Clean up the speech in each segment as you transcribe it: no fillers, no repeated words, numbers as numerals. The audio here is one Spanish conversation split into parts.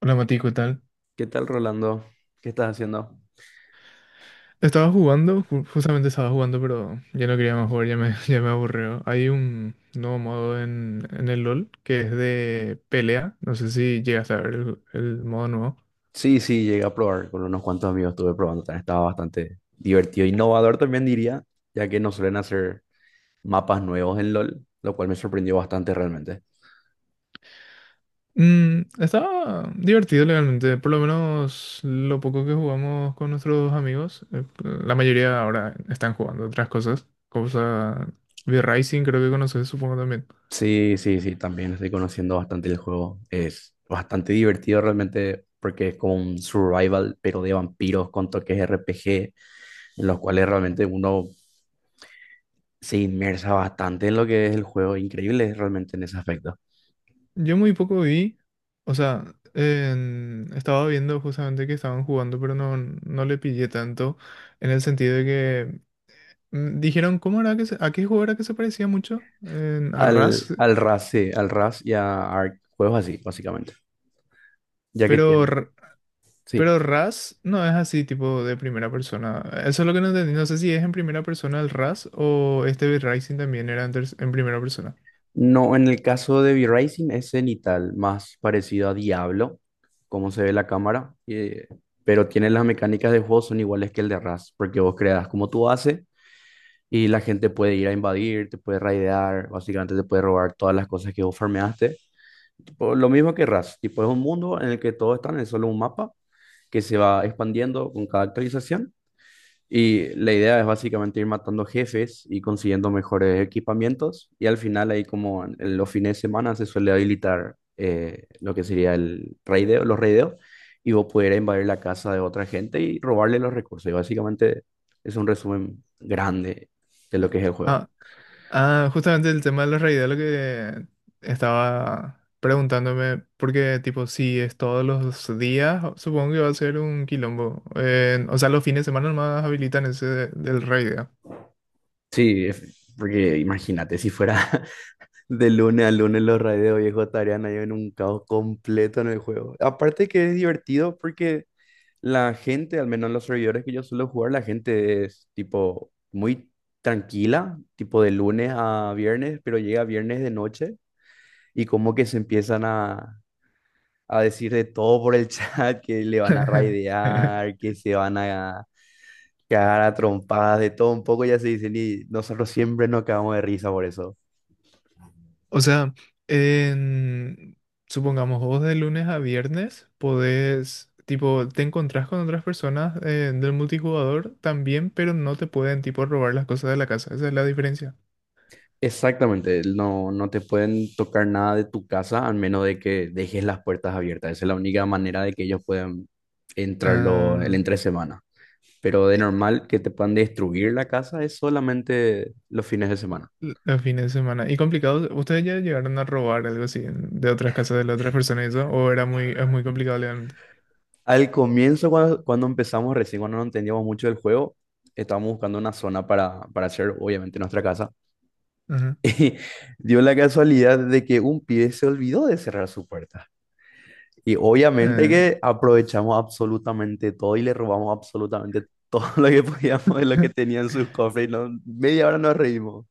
Hola Mati, ¿qué tal? ¿Qué tal, Rolando? ¿Qué estás haciendo? Estaba jugando, justamente estaba jugando, pero ya no quería más jugar, ya me aburrió. Hay un nuevo modo en el LOL que es de pelea. No sé si llegas a ver el modo nuevo. Sí, sí, llegué a probar con unos cuantos amigos, estuve probando, también estaba bastante divertido, innovador también diría, ya que no suelen hacer mapas nuevos en LOL, lo cual me sorprendió bastante realmente. Mm, estaba divertido legalmente, por lo menos lo poco que jugamos con nuestros amigos. La mayoría ahora están jugando otras cosas. Cosa V-Rising, creo que conoces, supongo también. Sí, sí, sí, también estoy conociendo bastante el juego, es bastante divertido realmente porque es como un survival, pero de vampiros con toques RPG, en los cuales realmente uno se inmersa bastante en lo que es el juego, increíble realmente en ese aspecto. Yo muy poco vi, o sea, estaba viendo justamente que estaban jugando, pero no le pillé tanto, en el sentido de que dijeron, ¿cómo era que a qué juego era que se parecía mucho? A Rust, Al RAS, sí, al RAS y a ARC, juegos así, básicamente, ya que pero, tiene, sí. pero Rust no es así, tipo de primera persona. Eso es lo que no entendí, no sé si es en primera persona el Rust o este Dead Rising también era en primera persona. No, en el caso de V-Racing es cenital, más parecido a Diablo, como se ve la cámara, pero tiene las mecánicas de juego son iguales que el de RAS, porque vos creas como tú haces y la gente puede ir a invadir, te puede raidear, básicamente te puede robar todas las cosas que vos farmeaste. Tipo, lo mismo que RAS, tipo es un mundo en el que todos están en solo un mapa que se va expandiendo con cada actualización. Y la idea es básicamente ir matando jefes y consiguiendo mejores equipamientos. Y al final, ahí como en los fines de semana, se suele habilitar lo que sería el raideo, los raideos, y vos poder invadir la casa de otra gente y robarle los recursos. Y básicamente es un resumen grande de lo que es el juego. Ah, justamente el tema de los reyes, lo que estaba preguntándome, porque tipo, si es todos los días, supongo que va a ser un quilombo. O sea, los fines de semana nomás habilitan ese del rey. Sí, porque imagínate, si fuera de lunes a lunes los raideos, viejo, estarían ahí en un caos completo en el juego. Aparte que es divertido porque la gente, al menos en los servidores que yo suelo jugar, la gente es tipo muy tranquila, tipo de lunes a viernes, pero llega viernes de noche y como que se empiezan a decir de todo por el chat, que le van a raidear, que se van a cagar a trompadas, de todo un poco, ya se dicen y nosotros siempre nos cagamos de risa por eso. O sea, en- supongamos vos de lunes a viernes podés, tipo, te encontrás con otras personas del multijugador también, pero no te pueden, tipo, robar las cosas de la casa. Esa es la diferencia. Exactamente, no, no te pueden tocar nada de tu casa al menos de que dejes las puertas abiertas. Esa es la única manera de que ellos puedan entrar el Ah, entre semana. Pero de normal que te puedan destruir la casa es solamente los fines de semana. Los fines de semana. ¿Y complicados? ¿Ustedes ya llegaron a robar algo así de otras casas de las otras personas y eso? ¿O era es muy complicado legalmente? Al comienzo, cuando empezamos recién, cuando no entendíamos mucho del juego, estábamos buscando una zona para hacer obviamente nuestra casa. Ajá. Y dio la casualidad de que un pibe se olvidó de cerrar su puerta. Y obviamente Ah, que aprovechamos absolutamente todo y le robamos absolutamente todo lo que podíamos de lo que tenían sus cofres. Y no, media hora nos reímos.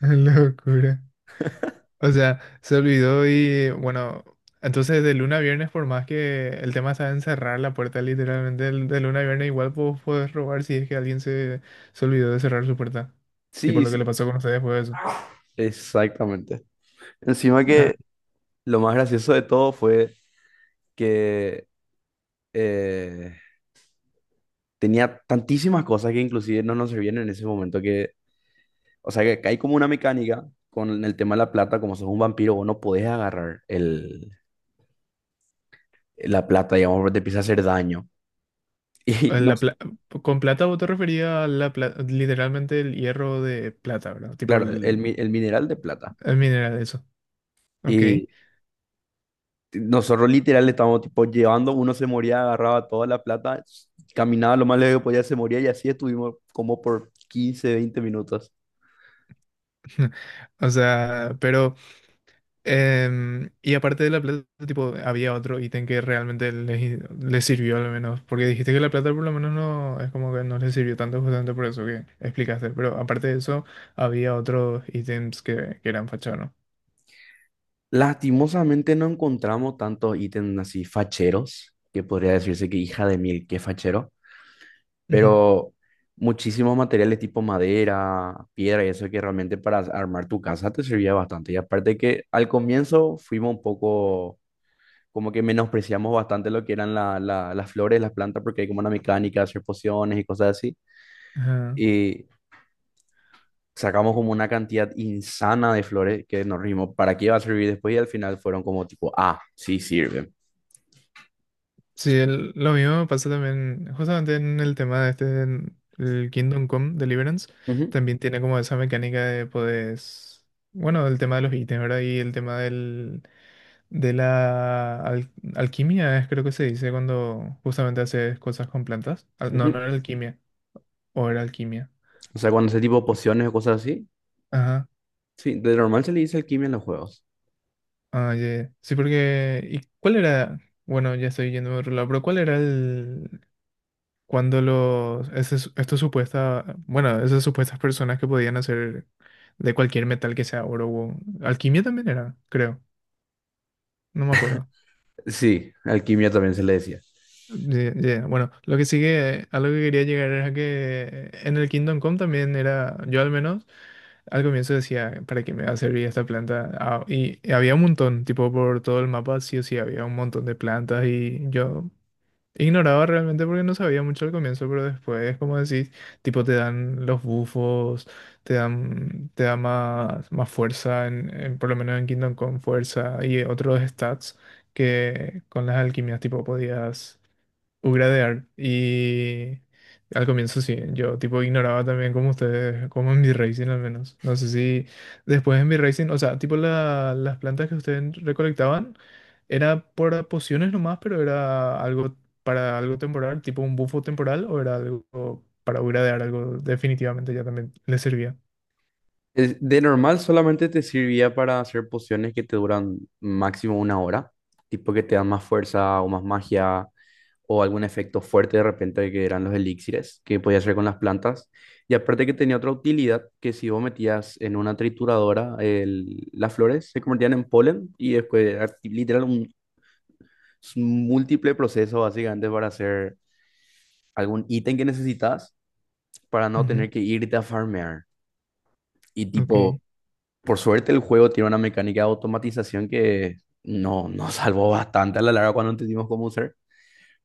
locura. O sea, se olvidó y bueno, entonces de luna a viernes, por más que el tema está en cerrar la puerta literalmente, de luna a viernes igual vos podés robar si es que alguien se olvidó de cerrar su puerta. Tipo Sí, lo que le sí, pasó con ustedes fue eso. exactamente. Encima Ah, que lo más gracioso de todo fue que eh, tenía tantísimas cosas que inclusive no nos servían en ese momento que, o sea, que hay como una mecánica con el tema de la plata, como sos un vampiro, vos no podés agarrar la plata, digamos, porque te empieza a hacer daño. Y eh, no, la pla- con plata vos te referías a la literalmente el hierro de plata, ¿verdad? Tipo claro, el… el mineral de plata. Ah, mira, era de eso. Ok. Y nosotros literal le estábamos tipo llevando, uno se moría, agarraba toda la plata, caminaba lo más lejos que podía, se moría y así estuvimos como por 15 20 minutos. O sea, pero… Y aparte de la plata, tipo, había otro ítem que realmente les sirvió al menos. Porque dijiste que la plata por lo menos no. Es como que no les sirvió tanto, justamente por eso que explicaste. Pero aparte de eso, había otros ítems que eran fachados, Lastimosamente no encontramos tantos ítems así facheros, que podría decirse que hija de mil, que fachero, ¿no? pero muchísimos materiales tipo madera, piedra y eso que realmente para armar tu casa te servía bastante. Y aparte que al comienzo fuimos un poco como que menospreciamos bastante lo que eran las flores, las plantas, porque hay como una mecánica de hacer pociones y cosas así. Ujú. Y sacamos como una cantidad insana de flores que nos rimos, ¿para qué iba a servir después? Y al final fueron como tipo, ah, sí sirven. Sí, lo mismo me pasó también, justamente en el tema de este, en el Kingdom Come Deliverance, también tiene como esa mecánica de poderes, bueno, el tema de los ítems, ¿verdad? Y el tema del, de la al- alquimia, es creo que se dice cuando justamente haces cosas con plantas. Ujú, No, no ujú. era alquimia, o era alquimia. O sea, cuando ese tipo de pociones o cosas así, Ajá, sí, de normal se le dice alquimia en los juegos. ah, ya, ya. Sí, porque, ¿y cuál era? Bueno, ya estoy yendo a otro lado, pero ¿cuál era el, cuando los, ese estos supuestas, bueno, esas supuestas personas que podían hacer de cualquier metal que sea oro o alquimia también era, creo, no me acuerdo. Sí, alquimia también se le decía. Bueno, lo que sigue, a lo que quería llegar era que en el Kingdom Come también era, yo al menos, al comienzo decía, ¿para qué me va a servir esta planta? Ah, y había un montón, tipo por todo el mapa, sí o sí, había un montón de plantas y yo ignoraba realmente porque no sabía mucho al comienzo, pero después, como decís, tipo te dan los bufos, te da más fuerza, por lo menos en Kingdom con fuerza y otros stats que con las alquimias tipo podías ugradear. Y al comienzo sí, yo tipo ignoraba también como ustedes, como en B-Racing al menos. No sé si después en B-Racing, o sea, tipo las plantas que ustedes recolectaban, era por pociones nomás, pero era algo para algo temporal, tipo un bufo temporal, o era algo para ugradear, algo definitivamente ya también les servía. De normal solamente te servía para hacer pociones que te duran máximo una hora, tipo que te dan más fuerza o más magia o algún efecto fuerte de repente que eran los elixires que podías hacer con las plantas. Y aparte que tenía otra utilidad, que si vos metías en una trituradora las flores se convertían en polen y después era literal un, múltiple proceso básicamente para hacer algún ítem que necesitas para no Ujú, tener que irte a farmear. Y tipo... ok. Por suerte el juego tiene una mecánica de automatización que no, nos salvó bastante a la larga cuando entendimos cómo usar,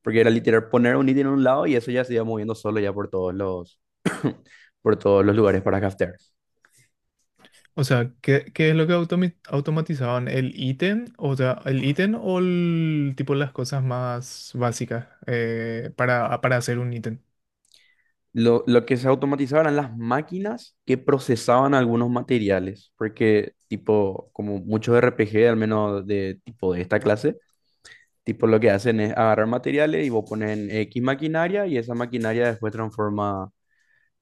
porque era literal poner un ítem en un lado y eso ya se iba moviendo solo ya por todos los lugares para craftear. O sea, ¿qué, qué es lo que automatizaban? ¿El ítem? O sea, ¿el ítem o el tipo las cosas más básicas para hacer un ítem? Lo que se automatizaba eran las máquinas que procesaban algunos materiales, porque tipo, como muchos RPG, al menos de tipo de esta clase, tipo lo que hacen es agarrar materiales y vos pones en X maquinaria y esa maquinaria después transforma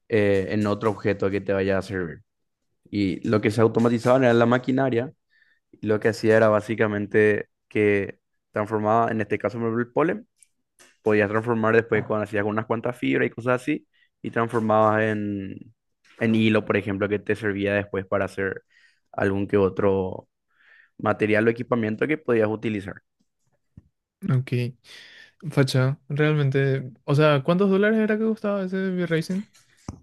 en otro objeto que te vaya a servir. Y lo que se automatizaban era la maquinaria, y lo que hacía era básicamente que transformaba, en este caso, por ejemplo, el polen, podías transformar después cuando hacías unas cuantas fibras y cosas así, y transformabas en hilo, por ejemplo, que te servía después para hacer algún que otro material o equipamiento que podías utilizar. Ok, facha, realmente. O sea, ¿cuántos dólares era que costaba ese V-Racing?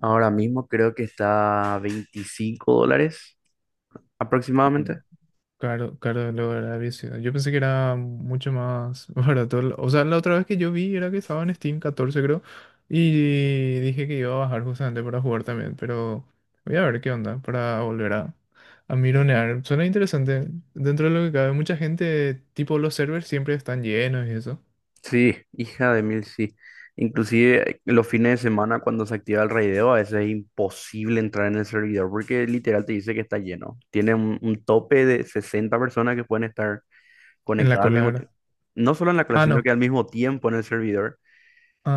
Ahora mismo creo que está a $25 aproximadamente. Caro, caro de lograr había sido. Yo pensé que era mucho más barato. O sea, la otra vez que yo vi era que estaba en Steam 14, creo. Y dije que iba a bajar justamente para jugar también. Pero voy a ver qué onda para volver a mironear. Suena interesante. Dentro de lo que cabe, mucha gente, tipo los servers, siempre están llenos y eso. Sí, hija de mil, sí. Inclusive los fines de semana cuando se activa el raideo, a veces es imposible entrar en el servidor porque literal te dice que está lleno. Tiene un tope de 60 personas que pueden estar En la conectadas al cola, mismo ¿verdad? tiempo. No solo en la Ah, clase, sino no. que al mismo tiempo en el servidor.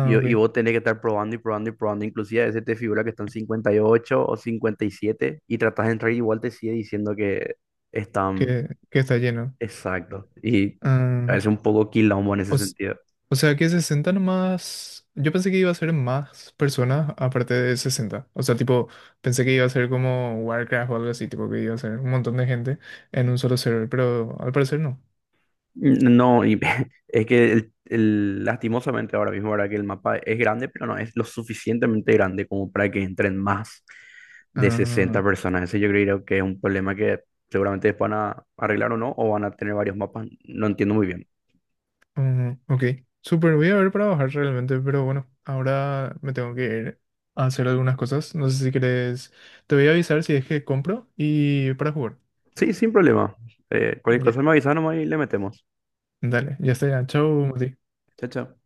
Y, ok. y vos tenés que estar probando y probando y probando. Inclusive a veces te figura que están 58 o 57 y siete y tratás de entrar y igual te sigue diciendo que están Que está lleno. exactos. Y Ah, a veces un poco quilombo en o ese s- sentido. o sea que 60 nomás. Yo pensé que iba a ser más personas aparte de 60. O sea, tipo, pensé que iba a ser como Warcraft o algo así, tipo que iba a ser un montón de gente en un solo server, pero al parecer no. No, y es que lastimosamente ahora mismo, ahora que el mapa es grande, pero no es lo suficientemente grande como para que entren más de Ah, 60 personas. Ese yo creo que es un problema que seguramente van a arreglar o no, o van a tener varios mapas. No entiendo muy bien. mm, ok. Súper, voy a ver para bajar realmente, pero bueno, ahora me tengo que ir a hacer algunas cosas. No sé si querés. Te voy a avisar si es que compro y para jugar. Sí, sin problema. Cualquier Ya, cosa me avisa nomás y le metemos. dale, ya está, ya. Chau, Mati. Chao, chao.